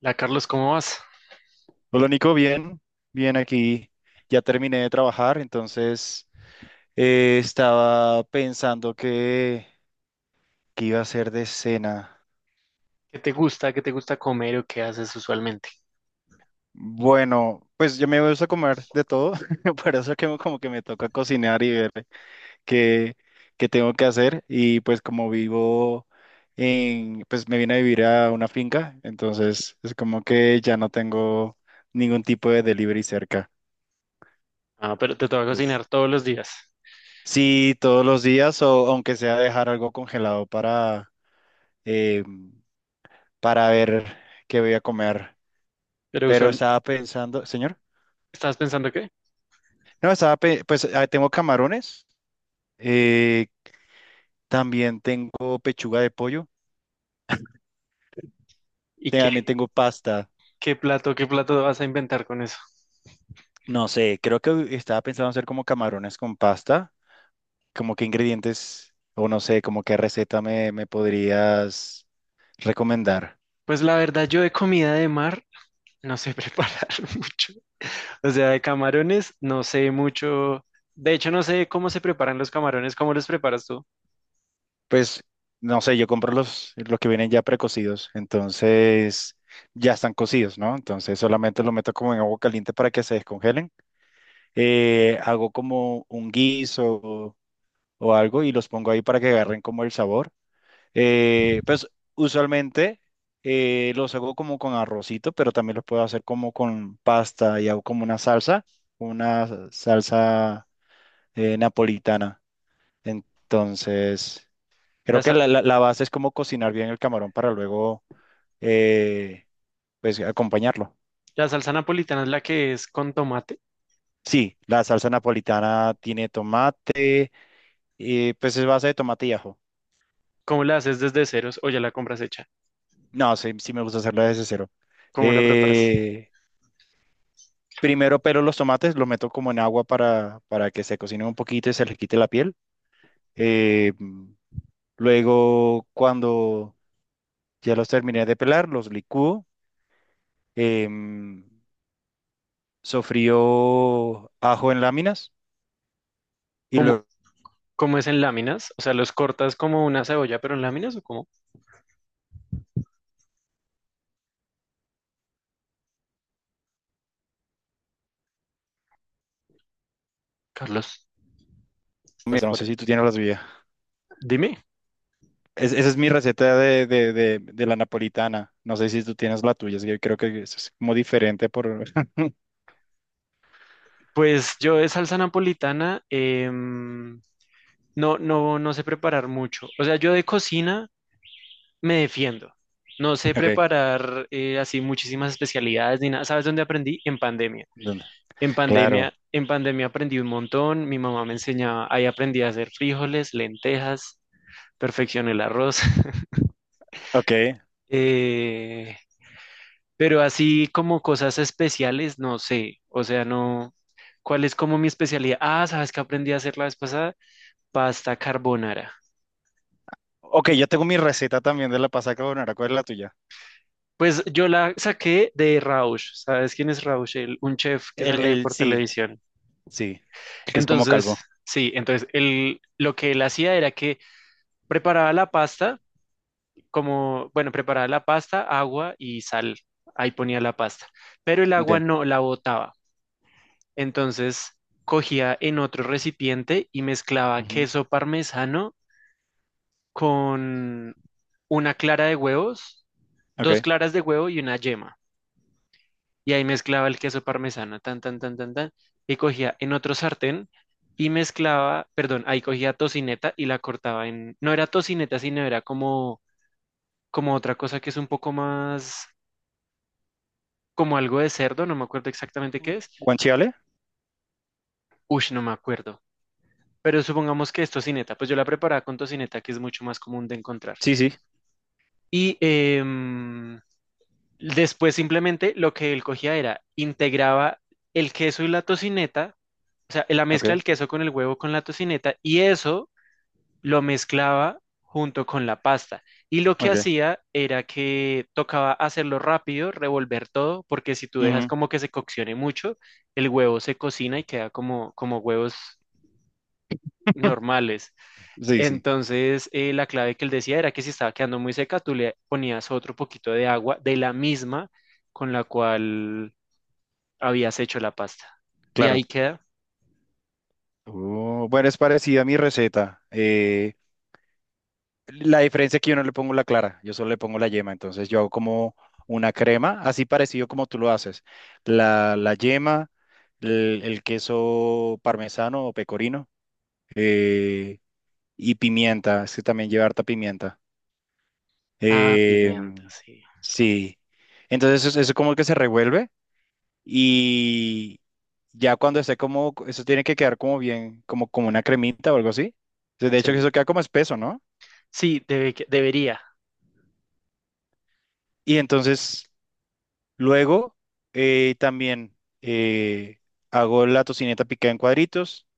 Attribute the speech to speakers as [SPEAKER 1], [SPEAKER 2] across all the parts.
[SPEAKER 1] La Carlos, ¿cómo vas?
[SPEAKER 2] Hola Nico, bien, bien aquí. Ya terminé de trabajar, entonces estaba pensando que iba a hacer de cena.
[SPEAKER 1] ¿Qué te gusta comer o qué haces usualmente?
[SPEAKER 2] Bueno, pues yo me gusta comer de todo, por eso como que me toca cocinar y ver qué, qué tengo que hacer. Y pues como vivo pues me vine a vivir a una finca, entonces es como que ya no tengo ningún tipo de delivery cerca.
[SPEAKER 1] Ah, pero te toca cocinar todos los días.
[SPEAKER 2] Sí, todos los días o aunque sea dejar algo congelado eh, para ver qué voy a comer.
[SPEAKER 1] Pero
[SPEAKER 2] Pero
[SPEAKER 1] usual,
[SPEAKER 2] estaba pensando, señor,
[SPEAKER 1] ¿Estás pensando qué?
[SPEAKER 2] no, estaba, pe- pues ah, tengo camarones, eh, también tengo pechuga de pollo,
[SPEAKER 1] ¿Y
[SPEAKER 2] también
[SPEAKER 1] qué,
[SPEAKER 2] tengo pasta.
[SPEAKER 1] qué plato vas a inventar con eso?
[SPEAKER 2] No sé, creo que estaba pensando hacer como camarones con pasta, como qué ingredientes o no sé, como qué receta me podrías recomendar.
[SPEAKER 1] Pues la verdad, yo de comida de mar no sé preparar mucho. O sea, de camarones no sé mucho. De hecho, no sé cómo se preparan los camarones. ¿Cómo los preparas tú?
[SPEAKER 2] Pues no sé, yo compro los que vienen ya precocidos, entonces ya están cocidos, ¿no? Entonces solamente los meto como en agua caliente para que se descongelen. Hago como un guiso o algo y los pongo ahí para que agarren como el sabor. Pues usualmente los hago como con arrocito, pero también los puedo hacer como con pasta y hago como una salsa napolitana. Entonces... Creo
[SPEAKER 1] La,
[SPEAKER 2] que
[SPEAKER 1] sa-
[SPEAKER 2] la base es como cocinar bien el camarón para luego, eh, pues, acompañarlo.
[SPEAKER 1] la salsa napolitana es la que es con tomate.
[SPEAKER 2] Sí, la salsa napolitana tiene tomate, y pues es base de tomate y ajo.
[SPEAKER 1] ¿Cómo la haces desde ceros o ya la compras hecha?
[SPEAKER 2] No, sí, sí me gusta hacerla desde cero.
[SPEAKER 1] ¿Cómo la preparas?
[SPEAKER 2] Eh, primero pelo los tomates, los meto como en agua para que se cocinen un poquito y se les quite la piel. Eh, mm, luego, cuando ya los terminé de pelar, los licúo. em, sofrío ajo en láminas y
[SPEAKER 1] ¿Cómo,
[SPEAKER 2] luego
[SPEAKER 1] ¿Cómo es en láminas? O sea, ¿los cortas como una cebolla, pero en láminas o cómo? Carlos, ¿estás
[SPEAKER 2] Mira, no
[SPEAKER 1] por
[SPEAKER 2] sé
[SPEAKER 1] ahí?
[SPEAKER 2] si tú tienes la tuya.
[SPEAKER 1] Dime.
[SPEAKER 2] Esa es mi receta de la napolitana. No sé si tú tienes la tuya. Es que yo creo que eso es como diferente por...
[SPEAKER 1] Pues yo de salsa napolitana no, no, no sé preparar mucho. O sea, yo de cocina me defiendo. No sé
[SPEAKER 2] Ok,
[SPEAKER 1] preparar así muchísimas especialidades ni nada. ¿Sabes dónde aprendí? En pandemia.
[SPEAKER 2] ¿dónde?
[SPEAKER 1] En
[SPEAKER 2] Claro.
[SPEAKER 1] pandemia, en pandemia aprendí un montón. Mi mamá me enseñaba, ahí aprendí a hacer frijoles, lentejas, perfeccioné el arroz.
[SPEAKER 2] Ok.
[SPEAKER 1] Eh, Pero así como cosas especiales, no sé. O sea, no. ¿Cuál es como mi especialidad? Ah, ¿sabes qué aprendí a hacer la vez pasada? Pasta carbonara.
[SPEAKER 2] Ok, yo tengo mi receta también de la pasta carbonara. ¿Cuál es la tuya?
[SPEAKER 1] Pues yo la saqué de Rausch. ¿Sabes quién es Rausch? Un chef que sale por
[SPEAKER 2] Sí,
[SPEAKER 1] televisión.
[SPEAKER 2] sí. Que es como
[SPEAKER 1] Entonces,
[SPEAKER 2] calvo.
[SPEAKER 1] sí, entonces él, lo que él hacía era que preparaba la pasta, como, bueno, preparaba la pasta, agua y sal. Ahí ponía la pasta. Pero el
[SPEAKER 2] Ok.
[SPEAKER 1] agua no la botaba. Entonces cogía en otro recipiente y mezclaba
[SPEAKER 2] Ujú.
[SPEAKER 1] queso parmesano con una clara de huevos, dos
[SPEAKER 2] Ok.
[SPEAKER 1] claras de huevo y una yema. Y ahí mezclaba el queso parmesano, tan, tan, tan, tan, tan. Y cogía en otro sartén y mezclaba, perdón, ahí cogía tocineta y la cortaba en, no era tocineta, sino era como otra cosa que es un poco más, como algo de cerdo, no me acuerdo exactamente qué es.
[SPEAKER 2] ¿Guanciale?
[SPEAKER 1] Uy, no me acuerdo. Pero supongamos que es tocineta, pues yo la preparaba con tocineta, que es mucho más común de encontrar.
[SPEAKER 2] Sí, sí.
[SPEAKER 1] Y después simplemente lo que él cogía era, integraba el queso y la tocineta, o sea, la mezcla
[SPEAKER 2] Ok,
[SPEAKER 1] del queso con el huevo con la tocineta, y eso lo mezclaba junto con la pasta. Y lo que
[SPEAKER 2] ok.
[SPEAKER 1] hacía era que tocaba hacerlo rápido, revolver todo, porque si tú dejas
[SPEAKER 2] Ujú.
[SPEAKER 1] como que se coccione mucho, el huevo se cocina y queda como huevos normales.
[SPEAKER 2] Sí, sí,
[SPEAKER 1] Entonces, la clave que él decía era que si estaba quedando muy seca, tú le ponías otro poquito de agua de la misma con la cual habías hecho la pasta. Y
[SPEAKER 2] claro.
[SPEAKER 1] ahí queda.
[SPEAKER 2] Oh, bueno, es parecida a mi receta. La diferencia es que yo no le pongo la clara, yo solo le pongo la yema, entonces yo hago como una crema, así parecido como tú lo haces. La yema, el queso parmesano o pecorino eh, y pimienta, es que también lleva harta pimienta.
[SPEAKER 1] Ah,
[SPEAKER 2] Eh,
[SPEAKER 1] pimienta, sí.
[SPEAKER 2] sí, entonces eso como que se revuelve y ya cuando esté como, eso tiene que quedar como bien, como, como una cremita o algo así. De
[SPEAKER 1] Sí,
[SPEAKER 2] hecho, que eso queda como espeso, ¿no?
[SPEAKER 1] sí, debería.
[SPEAKER 2] Y entonces... Luego, también eh, hago la tocineta picada en cuadritos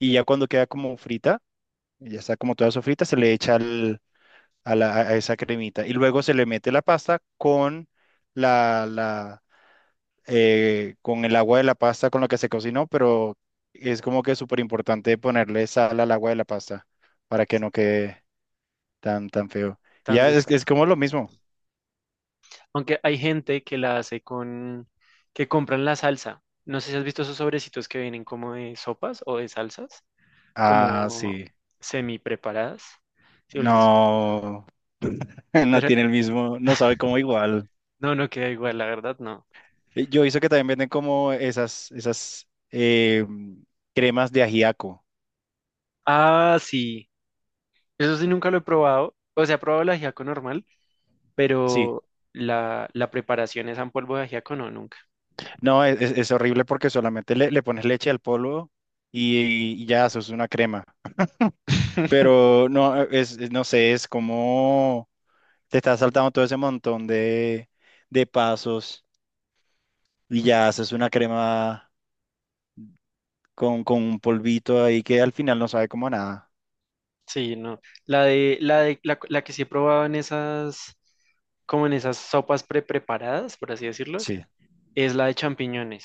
[SPEAKER 2] y ya cuando queda como frita, ya está como toda sofrita, se le echa al- a, a esa cremita y luego se le mete la pasta con la, la, con el agua de la pasta con la que se cocinó, pero es como que súper importante ponerle sal al agua de la pasta para que no quede tan, tan feo. Y
[SPEAKER 1] Tan
[SPEAKER 2] ya
[SPEAKER 1] de
[SPEAKER 2] es
[SPEAKER 1] esa.
[SPEAKER 2] como lo mismo.
[SPEAKER 1] Aunque hay gente que la hace con, que compran la salsa. No sé si has visto esos sobrecitos que vienen como de sopas o de salsas,
[SPEAKER 2] Ah,
[SPEAKER 1] como
[SPEAKER 2] sí.
[SPEAKER 1] semi preparadas. Sí,
[SPEAKER 2] No. No
[SPEAKER 1] pero
[SPEAKER 2] tiene el mismo, no sabe cómo igual.
[SPEAKER 1] no, no queda igual, la verdad, no.
[SPEAKER 2] Yo he visto que también venden como esas cremas de ajiaco.
[SPEAKER 1] Ah, sí. Eso sí nunca lo he probado. O sea, he probado el ajiaco normal,
[SPEAKER 2] Sí,
[SPEAKER 1] pero la preparación es en polvo de ajiaco, no, nunca.
[SPEAKER 2] no, es horrible porque solamente le pones leche al polvo y ya, eso es una crema. Pero no, es- no sé, es como te estás saltando todo ese montón de pasos y ya haces una crema con un polvito ahí que al final no sabe como a nada.
[SPEAKER 1] Sí, no. La que sí he probado en esas, como en esas sopas pre-preparadas, por así decirlo,
[SPEAKER 2] Sí.
[SPEAKER 1] es la de champiñones,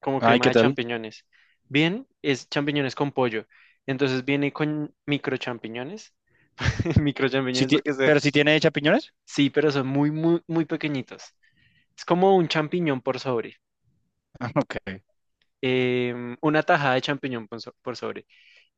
[SPEAKER 1] como
[SPEAKER 2] Ay,
[SPEAKER 1] crema
[SPEAKER 2] ¿qué
[SPEAKER 1] de
[SPEAKER 2] tal?
[SPEAKER 1] champiñones. Bien, es champiñones con pollo. Entonces viene con micro champiñones, micro champiñones porque son,
[SPEAKER 2] ¿Pero si tiene champiñones?
[SPEAKER 1] sí, pero son muy, muy, muy pequeñitos. Es como un champiñón por sobre.
[SPEAKER 2] Ok.
[SPEAKER 1] Una tajada de champiñón por, por sobre.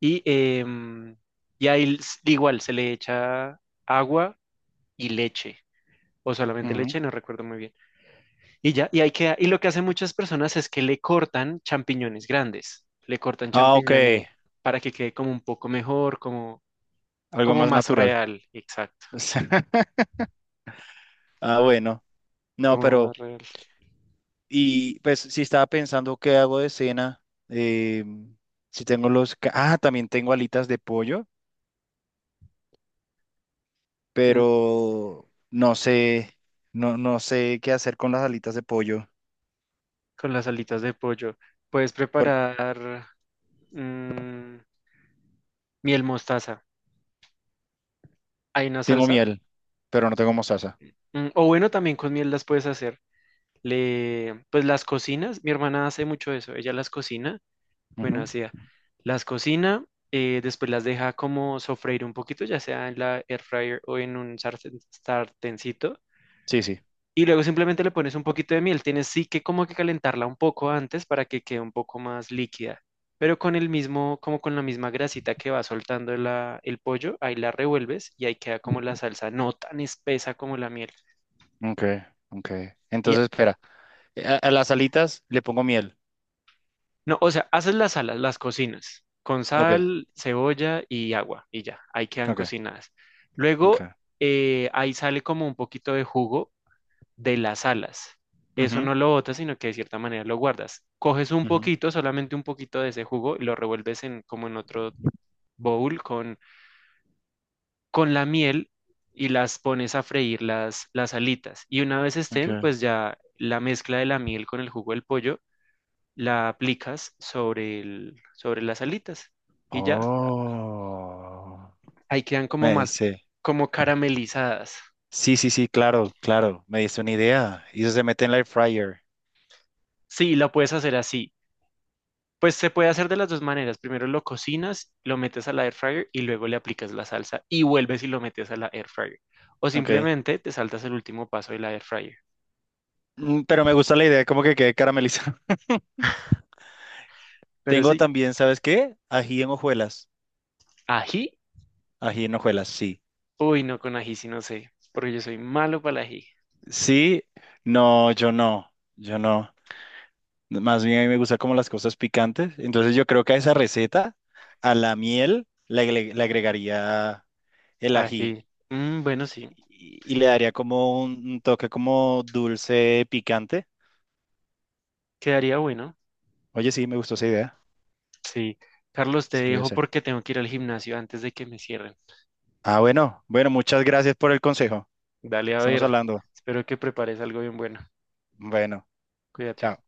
[SPEAKER 1] Y, em, y ahí igual se le echa agua y leche, o solamente
[SPEAKER 2] Ujú.
[SPEAKER 1] leche, no recuerdo muy bien. Y ya, y ahí queda. Y lo que hacen muchas personas es que le cortan champiñones grandes, le cortan
[SPEAKER 2] Ah, ok.
[SPEAKER 1] champiñones para que quede como un poco mejor, como,
[SPEAKER 2] Algo
[SPEAKER 1] como
[SPEAKER 2] más
[SPEAKER 1] más
[SPEAKER 2] natural.
[SPEAKER 1] real, exacto,
[SPEAKER 2] Ah, bueno. No,
[SPEAKER 1] como
[SPEAKER 2] pero,
[SPEAKER 1] más real.
[SPEAKER 2] y pues si estaba pensando qué hago de cena, eh, si tengo los... Ah, también tengo alitas de pollo,
[SPEAKER 1] Mm,
[SPEAKER 2] pero no sé, no, no sé qué hacer con las alitas de pollo,
[SPEAKER 1] Con las alitas de pollo. Puedes
[SPEAKER 2] porque
[SPEAKER 1] preparar mm, miel mostaza. Hay una
[SPEAKER 2] tengo
[SPEAKER 1] salsa.
[SPEAKER 2] miel, pero no tengo mostaza.
[SPEAKER 1] O bueno, también con miel las puedes hacer. Pues las cocinas, mi hermana hace mucho eso, ella las cocina, bueno,
[SPEAKER 2] Ujú.
[SPEAKER 1] hacía, las cocina, después las deja como sofreír un poquito, ya sea en la air fryer o en un sartencito,
[SPEAKER 2] Sí, sí.
[SPEAKER 1] y luego simplemente le pones un poquito de miel. Tienes sí que como que calentarla un poco antes para que quede un poco más líquida, pero con el mismo, como con la misma grasita que va soltando el pollo, ahí la revuelves y ahí queda como la salsa, no tan espesa como la miel.
[SPEAKER 2] Ok, ok.
[SPEAKER 1] Y
[SPEAKER 2] Entonces, espera, a las alitas le pongo miel.
[SPEAKER 1] No, o sea, haces las alas, las cocinas, con
[SPEAKER 2] Ok,
[SPEAKER 1] sal, cebolla y agua, y ya, ahí quedan
[SPEAKER 2] ok,
[SPEAKER 1] cocinadas.
[SPEAKER 2] ok.
[SPEAKER 1] Luego, ahí sale como un poquito de jugo de las alas. Eso
[SPEAKER 2] Ujú,
[SPEAKER 1] no lo botas, sino que de cierta manera lo guardas. Coges un
[SPEAKER 2] ujú,
[SPEAKER 1] poquito, solamente un poquito de ese jugo, y lo revuelves en, como en otro bowl con la miel y las pones a freír las alitas. Y una vez
[SPEAKER 2] ok.
[SPEAKER 1] estén, pues ya la mezcla de la miel con el jugo del pollo la aplicas sobre las alitas y ya,
[SPEAKER 2] Oh,
[SPEAKER 1] ahí quedan como
[SPEAKER 2] me
[SPEAKER 1] más,
[SPEAKER 2] dice.
[SPEAKER 1] como caramelizadas.
[SPEAKER 2] Sí, sí, sí, claro, claro. Me dice una idea. Y eso se mete en la air fryer.
[SPEAKER 1] Sí, la puedes hacer así. Pues se puede hacer de las dos maneras. Primero lo cocinas, lo metes a la air fryer y luego le aplicas la salsa y vuelves y lo metes a la air fryer. O
[SPEAKER 2] Ok.
[SPEAKER 1] simplemente te saltas el último paso de la air fryer.
[SPEAKER 2] Mm, pero me gusta la idea, como que quede caramelizado.
[SPEAKER 1] Pero
[SPEAKER 2] Tengo
[SPEAKER 1] sí,
[SPEAKER 2] también, ¿sabes qué? Ají en hojuelas.
[SPEAKER 1] ají,
[SPEAKER 2] Ají en hojuelas, sí.
[SPEAKER 1] uy, no con ají, sí no sé, porque yo soy malo para el ají.
[SPEAKER 2] Sí, no, yo no. Yo no. Más bien a mí me gustan como las cosas picantes. Entonces yo creo que a esa receta, a la miel, le agregaría el ají.
[SPEAKER 1] Ají, bueno, sí,
[SPEAKER 2] Y le daría como un toque como dulce, picante.
[SPEAKER 1] quedaría bueno.
[SPEAKER 2] Oye, sí, me gustó esa idea.
[SPEAKER 1] Sí, Carlos, te
[SPEAKER 2] Sí, lo voy a
[SPEAKER 1] dejo
[SPEAKER 2] hacer.
[SPEAKER 1] porque tengo que ir al gimnasio antes de que me cierren.
[SPEAKER 2] Ah, bueno, bueno, muchas gracias por el consejo.
[SPEAKER 1] Dale a
[SPEAKER 2] Estamos
[SPEAKER 1] ver.
[SPEAKER 2] hablando.
[SPEAKER 1] Espero que prepares algo bien bueno.
[SPEAKER 2] Bueno,
[SPEAKER 1] Cuídate.
[SPEAKER 2] chao.